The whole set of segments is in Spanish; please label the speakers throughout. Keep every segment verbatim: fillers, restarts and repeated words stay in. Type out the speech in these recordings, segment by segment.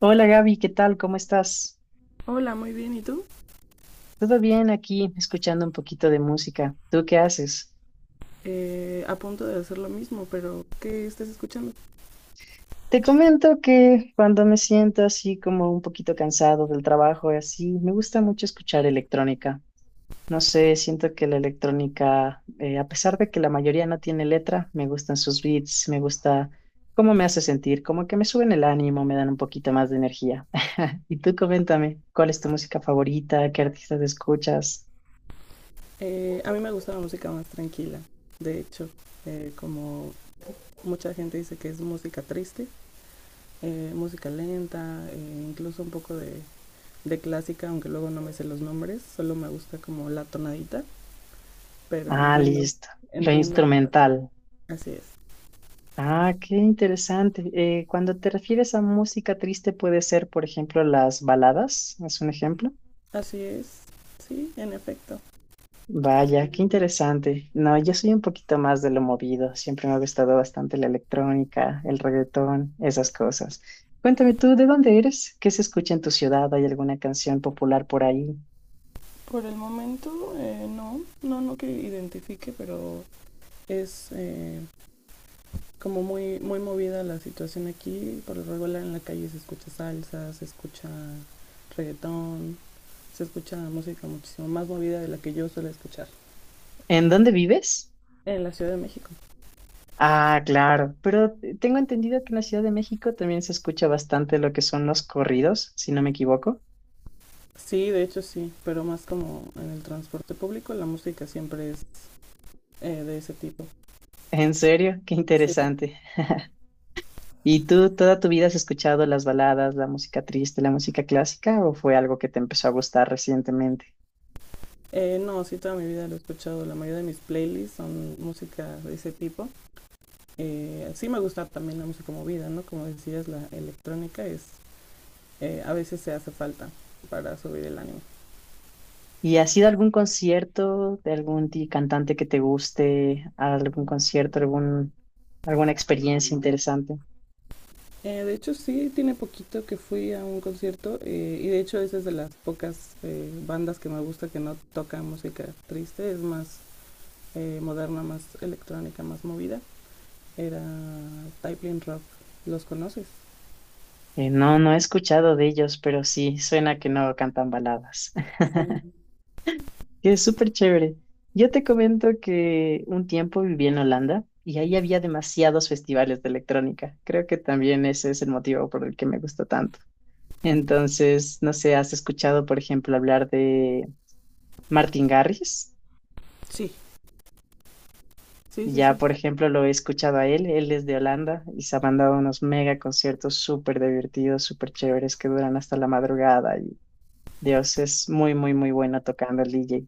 Speaker 1: Hola Gaby, ¿qué tal? ¿Cómo estás?
Speaker 2: Hola, muy bien. ¿Y tú?
Speaker 1: Todo bien aquí, escuchando un poquito de música. ¿Tú qué haces?
Speaker 2: Eh, a punto de hacer lo mismo, pero ¿qué estás escuchando?
Speaker 1: Te comento que cuando me siento así como un poquito cansado del trabajo y así, me gusta mucho escuchar electrónica. No sé, siento que la electrónica, eh, a pesar de que la mayoría no tiene letra, me gustan sus beats, me gusta cómo me hace sentir, como que me suben el ánimo, me dan un poquito más de energía. Y tú coméntame, ¿cuál es tu música favorita? ¿Qué artistas escuchas?
Speaker 2: Eh, a mí me gusta la música más tranquila. De hecho, eh, como mucha gente dice que es música triste, eh, música lenta, eh, incluso un poco de, de clásica, aunque luego no me sé los nombres, solo me gusta como la tonadita, pero
Speaker 1: Ah,
Speaker 2: entiendo,
Speaker 1: listo. Lo
Speaker 2: entiendo la parte.
Speaker 1: instrumental.
Speaker 2: Así es,
Speaker 1: Ah, qué interesante. Eh, cuando te refieres a música triste, puede ser, por ejemplo, las baladas, es un ejemplo.
Speaker 2: así es, sí, en efecto.
Speaker 1: Vaya, qué interesante. No, yo soy un poquito más de lo movido. Siempre me ha gustado bastante la electrónica, el reggaetón, esas cosas. Cuéntame tú, ¿de dónde eres? ¿Qué se escucha en tu ciudad? ¿Hay alguna canción popular por ahí?
Speaker 2: Por el momento, eh, no, no, no que identifique, pero es, eh, como muy, muy movida la situación aquí. Por lo regular en la calle se escucha salsa, se escucha reggaetón, se escucha música muchísimo más movida de la que yo suelo escuchar
Speaker 1: ¿En dónde vives?
Speaker 2: en la Ciudad de México.
Speaker 1: Ah, claro, pero tengo entendido que en la Ciudad de México también se escucha bastante lo que son los corridos, si no me equivoco.
Speaker 2: Sí, de hecho sí, pero más como en el transporte público la música siempre es, eh, de ese tipo.
Speaker 1: En serio, qué
Speaker 2: Sí.
Speaker 1: interesante. ¿Y tú toda tu vida has escuchado las baladas, la música triste, la música clásica o fue algo que te empezó a gustar recientemente?
Speaker 2: Eh, no, sí, toda mi vida lo he escuchado. La mayoría de mis playlists son música de ese tipo. Eh, sí me gusta también la música movida, ¿no? Como decías, la electrónica es, eh, a veces se hace falta para subir el ánimo.
Speaker 1: ¿Y has ido a algún concierto de algún ti- cantante que te guste, a algún concierto, algún, alguna experiencia interesante?
Speaker 2: Eh, de hecho, sí, tiene poquito que fui a un concierto, eh, y de hecho esa es de las pocas eh, bandas que me gusta que no toca música triste, es más eh, moderna, más electrónica, más movida. Era Typling Rock, ¿los conoces?
Speaker 1: Eh, no, no he escuchado de ellos, pero sí, suena que no cantan baladas.
Speaker 2: Um,
Speaker 1: Que es súper chévere. Yo te comento que un tiempo viví en Holanda y ahí había demasiados festivales de electrónica. Creo que también ese es el motivo por el que me gustó tanto. Entonces, no sé, ¿has escuchado, por ejemplo, hablar de Martin Garrix?
Speaker 2: Sí, sí, sí,
Speaker 1: Ya,
Speaker 2: sí.
Speaker 1: por ejemplo, lo he escuchado a él, él es de Holanda y se ha mandado unos mega conciertos súper divertidos, súper chéveres que duran hasta la madrugada y Dios es muy, muy, muy bueno tocando el D J.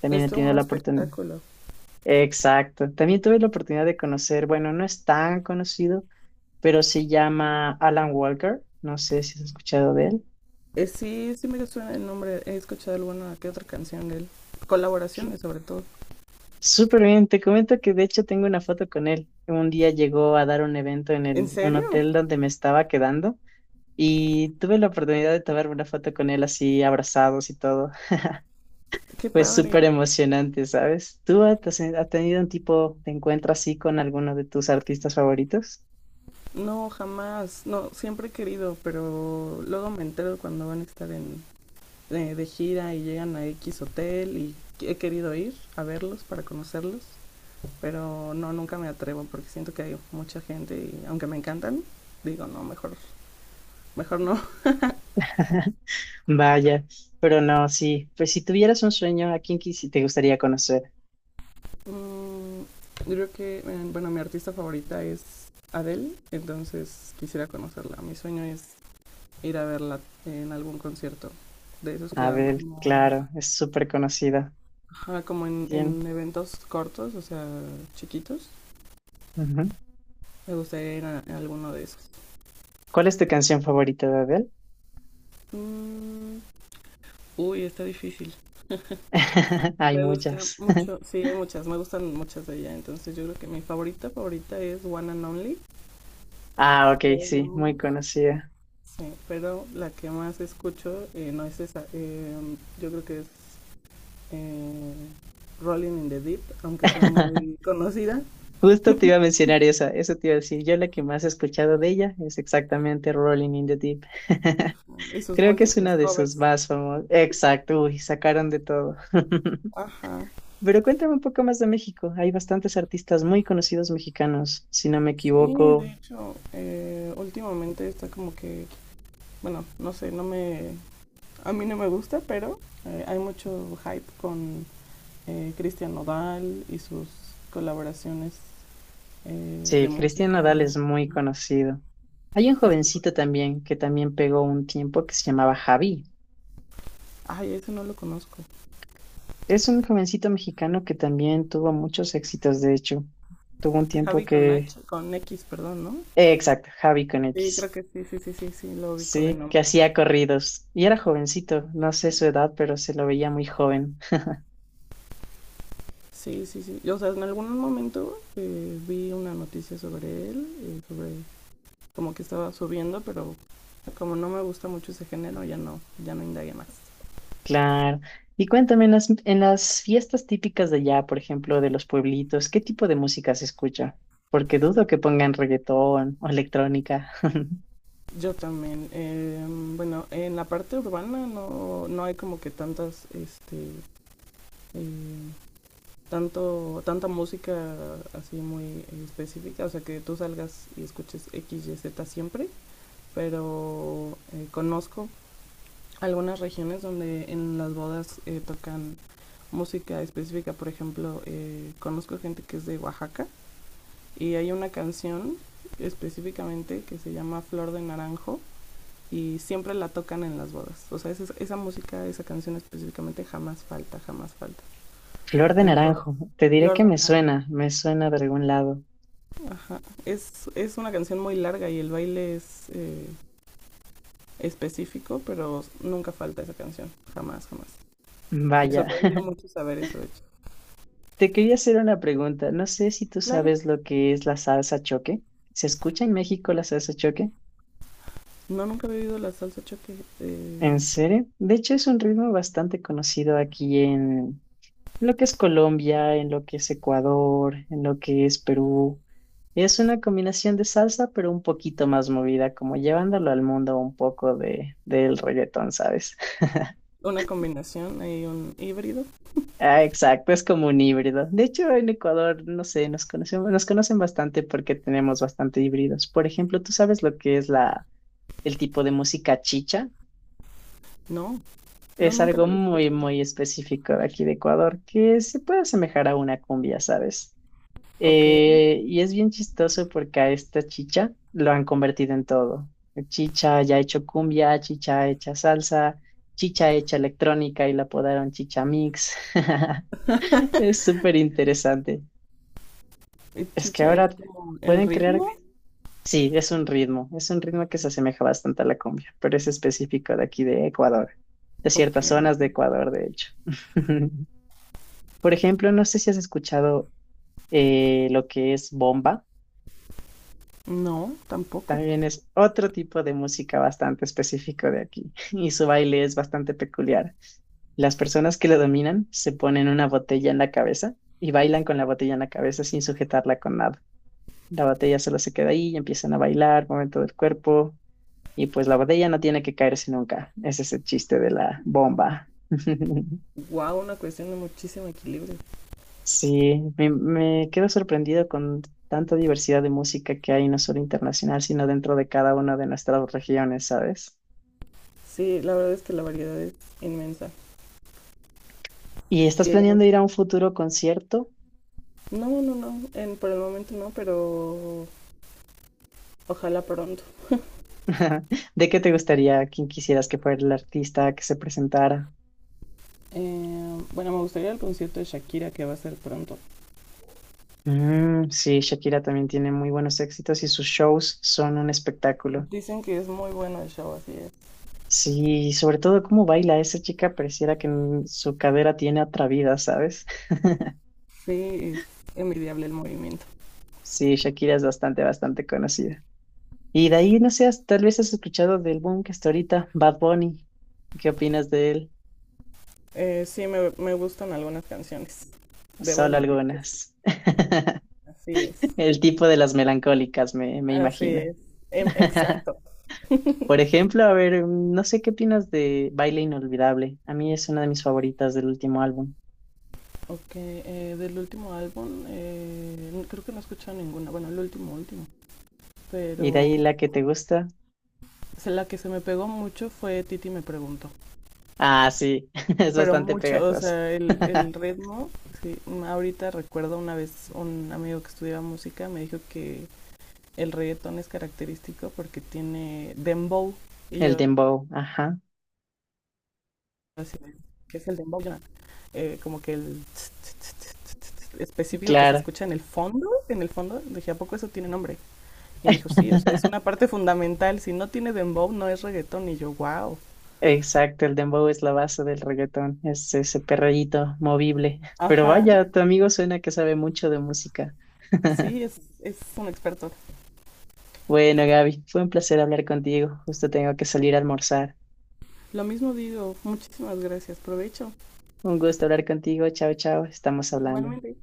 Speaker 1: También
Speaker 2: Es
Speaker 1: he
Speaker 2: todo un
Speaker 1: tenido la oportunidad.
Speaker 2: espectáculo.
Speaker 1: Exacto, también tuve la oportunidad de conocer, bueno, no es tan conocido, pero se llama Alan Walker, no sé si has escuchado de él.
Speaker 2: Eh, sí, sí me suena el nombre, he escuchado alguna que otra canción de él. Colaboraciones sobre todo.
Speaker 1: Súper bien, te comento que de hecho tengo una foto con él. Un día llegó a dar un evento en
Speaker 2: ¿En
Speaker 1: el- un
Speaker 2: serio?
Speaker 1: hotel donde me estaba quedando y tuve la oportunidad de tomar una foto con él así abrazados y todo.
Speaker 2: Qué
Speaker 1: Fue
Speaker 2: padre.
Speaker 1: súper emocionante, ¿sabes? ¿Tú has, has tenido un tipo de encuentro así con alguno de tus artistas favoritos?
Speaker 2: No, jamás. No, siempre he querido, pero luego me entero cuando van a estar en, eh, de gira y llegan a X hotel y que- he querido ir a verlos para conocerlos, pero no, nunca me atrevo porque siento que hay mucha gente y aunque me encantan, digo, no, mejor, mejor no.
Speaker 1: Vaya, pero no, sí, pues si tuvieras un sueño, ¿a quién quisi- te gustaría conocer?
Speaker 2: Mm, yo creo que, eh, bueno, mi artista favorita es Adele, entonces quisiera conocerla. Mi sueño es ir a verla en algún concierto, de esos que dan
Speaker 1: Abel,
Speaker 2: como,
Speaker 1: claro, es súper conocida.
Speaker 2: ajá, como en,
Speaker 1: Bien.
Speaker 2: en eventos cortos, o sea, chiquitos.
Speaker 1: Ujú.
Speaker 2: Me gustaría ir a, a alguno de esos.
Speaker 1: ¿Cuál es tu canción favorita de Abel?
Speaker 2: Mm, uy, está difícil.
Speaker 1: Hay
Speaker 2: Me gusta
Speaker 1: muchas.
Speaker 2: mucho, sí, hay muchas, me gustan muchas de ella. Entonces yo creo que mi favorita, favorita es One and Only.
Speaker 1: Ah, ok, sí,
Speaker 2: Pero,
Speaker 1: muy conocida.
Speaker 2: sí, pero la que más escucho eh, no es esa. eh, yo creo que es eh, Rolling in the Deep, aunque sea muy conocida.
Speaker 1: Justo te iba a mencionar esa, eso te iba a decir. Yo la que más he escuchado de ella es exactamente Rolling in the Deep.
Speaker 2: Y sus
Speaker 1: Creo que es
Speaker 2: múltiples
Speaker 1: una de sus
Speaker 2: covers.
Speaker 1: más famosas. Exacto, uy, sacaron de todo.
Speaker 2: Ajá.
Speaker 1: Pero cuéntame un poco más de México. Hay bastantes artistas muy conocidos mexicanos, si no me
Speaker 2: Sí, de
Speaker 1: equivoco.
Speaker 2: hecho, eh, últimamente está como que, bueno, no sé, no me, a mí no me gusta, pero eh, hay mucho hype con eh, Cristian Nodal y sus colaboraciones eh,
Speaker 1: Sí,
Speaker 2: de
Speaker 1: Cristian
Speaker 2: música.
Speaker 1: Nodal es muy conocido. Hay un
Speaker 2: Eso-
Speaker 1: jovencito también que también pegó un tiempo que se llamaba Javi.
Speaker 2: ay, eso no lo conozco.
Speaker 1: Es un jovencito mexicano que también tuvo muchos éxitos, de hecho. Tuvo un tiempo
Speaker 2: Javi con
Speaker 1: que...
Speaker 2: H, con X, perdón, ¿no?
Speaker 1: eh, exacto, Javi con
Speaker 2: Sí, creo
Speaker 1: X.
Speaker 2: que sí, sí, sí, sí, sí, lo ubico de
Speaker 1: Sí, que
Speaker 2: nombre.
Speaker 1: hacía corridos. Y era jovencito, no sé su edad, pero se lo veía muy joven.
Speaker 2: Sí, sí, sí. Y, o sea, en algún momento eh, vi una noticia sobre él, eh, sobre como que estaba subiendo, pero como no me gusta mucho ese género, ya no, ya no indagué más.
Speaker 1: Claro. Y cuéntame, en las, en las fiestas típicas de allá, por ejemplo, de los pueblitos, ¿qué tipo de música se escucha? Porque dudo que pongan reggaetón o electrónica.
Speaker 2: Yo también, eh, bueno, en la parte urbana no, no hay como que tantas, este, eh, tanto, tanta música así muy específica, o sea que tú salgas y escuches X, Y, Z siempre, pero eh, conozco algunas regiones donde en las bodas eh, tocan música específica, por ejemplo, eh, conozco gente que es de Oaxaca. Y hay una canción específicamente que se llama Flor de Naranjo y siempre la tocan en las bodas. O sea, esa, esa música, esa canción específicamente jamás falta, jamás falta.
Speaker 1: Flor de
Speaker 2: Entonces,
Speaker 1: naranjo, te diré
Speaker 2: Flor
Speaker 1: que
Speaker 2: de
Speaker 1: me
Speaker 2: Naranjo.
Speaker 1: suena, me suena de algún lado.
Speaker 2: Es, es una canción muy larga y el baile es eh, específico, pero nunca falta esa canción, jamás, jamás. Me
Speaker 1: Vaya.
Speaker 2: sorprendió mucho saber eso, de hecho.
Speaker 1: Te quería hacer una pregunta. No sé si tú
Speaker 2: Claro,
Speaker 1: sabes lo que es la salsa choque. ¿Se escucha en México la salsa choque?
Speaker 2: no, nunca he oído la salsa choque. eh,
Speaker 1: ¿En serio? De hecho, es un ritmo bastante conocido aquí en lo que es Colombia, en lo que es Ecuador, en lo que es Perú. Es una combinación de salsa, pero un poquito más movida, como llevándolo al mundo un poco de, del reggaetón, ¿sabes?
Speaker 2: una combinación, hay un híbrido.
Speaker 1: Ah, exacto, es como un híbrido. De hecho, en Ecuador, no sé, nos conocemos, nos conocen bastante porque tenemos bastante híbridos. Por ejemplo, ¿tú sabes lo que es la, el tipo de música chicha?
Speaker 2: No, no,
Speaker 1: Es
Speaker 2: nunca
Speaker 1: algo
Speaker 2: la había
Speaker 1: muy,
Speaker 2: escuchado.
Speaker 1: muy específico de aquí de Ecuador que se puede asemejar a una cumbia, ¿sabes?
Speaker 2: Ok.
Speaker 1: Eh, y es bien chistoso porque a esta chicha lo han convertido en todo. Chicha ya ha hecho cumbia, chicha hecha salsa, chicha hecha electrónica y la apodaron Chicha Mix. Es súper interesante.
Speaker 2: Eh,
Speaker 1: Es que
Speaker 2: Chicha
Speaker 1: ahora
Speaker 2: es como el
Speaker 1: pueden crear,
Speaker 2: ritmo.
Speaker 1: sí, es un ritmo, es un ritmo que se asemeja bastante a la cumbia, pero es específico de aquí de Ecuador, de
Speaker 2: Ok.
Speaker 1: ciertas zonas de Ecuador, de hecho. Por ejemplo, no sé si has escuchado eh, lo que es bomba.
Speaker 2: No, tampoco.
Speaker 1: También es otro tipo de música bastante específico de aquí y su baile es bastante peculiar. Las personas que lo dominan se ponen una botella en la cabeza y bailan con la botella en la cabeza sin sujetarla con nada. La botella solo se queda ahí y empiezan a bailar, movimiento del cuerpo y pues la botella no tiene que caerse nunca. Ese es el chiste de la bomba.
Speaker 2: Wow, una cuestión de muchísimo equilibrio.
Speaker 1: Sí, me, me quedo sorprendido con tanta diversidad de música que hay, no solo internacional, sino dentro de cada una de nuestras regiones, ¿sabes?
Speaker 2: Sí, la verdad es que la variedad es inmensa.
Speaker 1: ¿Y estás
Speaker 2: Y ahí no,
Speaker 1: planeando ir a un futuro concierto?
Speaker 2: no, no, no, en- por el momento no, pero ojalá pronto.
Speaker 1: ¿De qué te gustaría? ¿Quién quisieras que fuera el artista que se presentara?
Speaker 2: Eh, bueno, me gustaría el concierto de Shakira que va a ser pronto.
Speaker 1: Mm, sí, Shakira también tiene muy buenos éxitos y sus shows son un espectáculo.
Speaker 2: Dicen que es muy bueno el show, así es.
Speaker 1: Sí, sobre todo cómo baila esa chica, pareciera que mm, su cadera tiene otra vida, ¿sabes?
Speaker 2: Sí, es envidiable el movimiento.
Speaker 1: Sí, Shakira es bastante, bastante conocida. Y de ahí, no sé, has- tal vez has escuchado del boom que está ahorita, Bad Bunny. ¿Qué opinas de él?
Speaker 2: Eh, sí, me, me gustan algunas canciones. Debo
Speaker 1: Solo
Speaker 2: admitir que sí,
Speaker 1: algunas.
Speaker 2: así es.
Speaker 1: El tipo de las melancólicas, me, me
Speaker 2: Así
Speaker 1: imagino.
Speaker 2: es, em, exacto.
Speaker 1: Por ejemplo, a ver, mm, no sé qué opinas de Baile Inolvidable. A mí es una de mis favoritas del último álbum.
Speaker 2: Ok, eh, del último álbum, eh, n- creo que no he escuchado ninguna, bueno, el último, último,
Speaker 1: ¿Y de ahí
Speaker 2: pero
Speaker 1: la que te gusta?
Speaker 2: o sea, la que se me pegó mucho fue Titi me preguntó,
Speaker 1: Ah, sí, es
Speaker 2: pero
Speaker 1: bastante
Speaker 2: mucho, o
Speaker 1: pegajoso
Speaker 2: sea, el, el ritmo, sí, ahorita recuerdo una vez un amigo que estudiaba música me dijo que el reggaetón es característico porque tiene dembow, y
Speaker 1: El
Speaker 2: yo
Speaker 1: dembow, ajá,
Speaker 2: así, ¿qué es el dembow? eh, como que el tss, tss, tss, tss, tss, específico que se
Speaker 1: claro.
Speaker 2: escucha en el fondo, en el fondo, dije, ¿a poco eso tiene nombre? Y me dijo, sí, o sea, es una parte fundamental, si no tiene dembow no es reggaetón, y yo, wow,
Speaker 1: Exacto, el dembow es la base del reggaetón, es ese perreíto movible. Pero
Speaker 2: ajá,
Speaker 1: vaya, tu amigo suena que sabe mucho de música.
Speaker 2: sí, es, es un experto.
Speaker 1: Bueno, Gaby, fue un placer hablar contigo. Justo tengo que salir a almorzar.
Speaker 2: Lo mismo digo, muchísimas gracias, provecho.
Speaker 1: Un gusto hablar contigo. Chao, chao. Estamos hablando.
Speaker 2: Igualmente.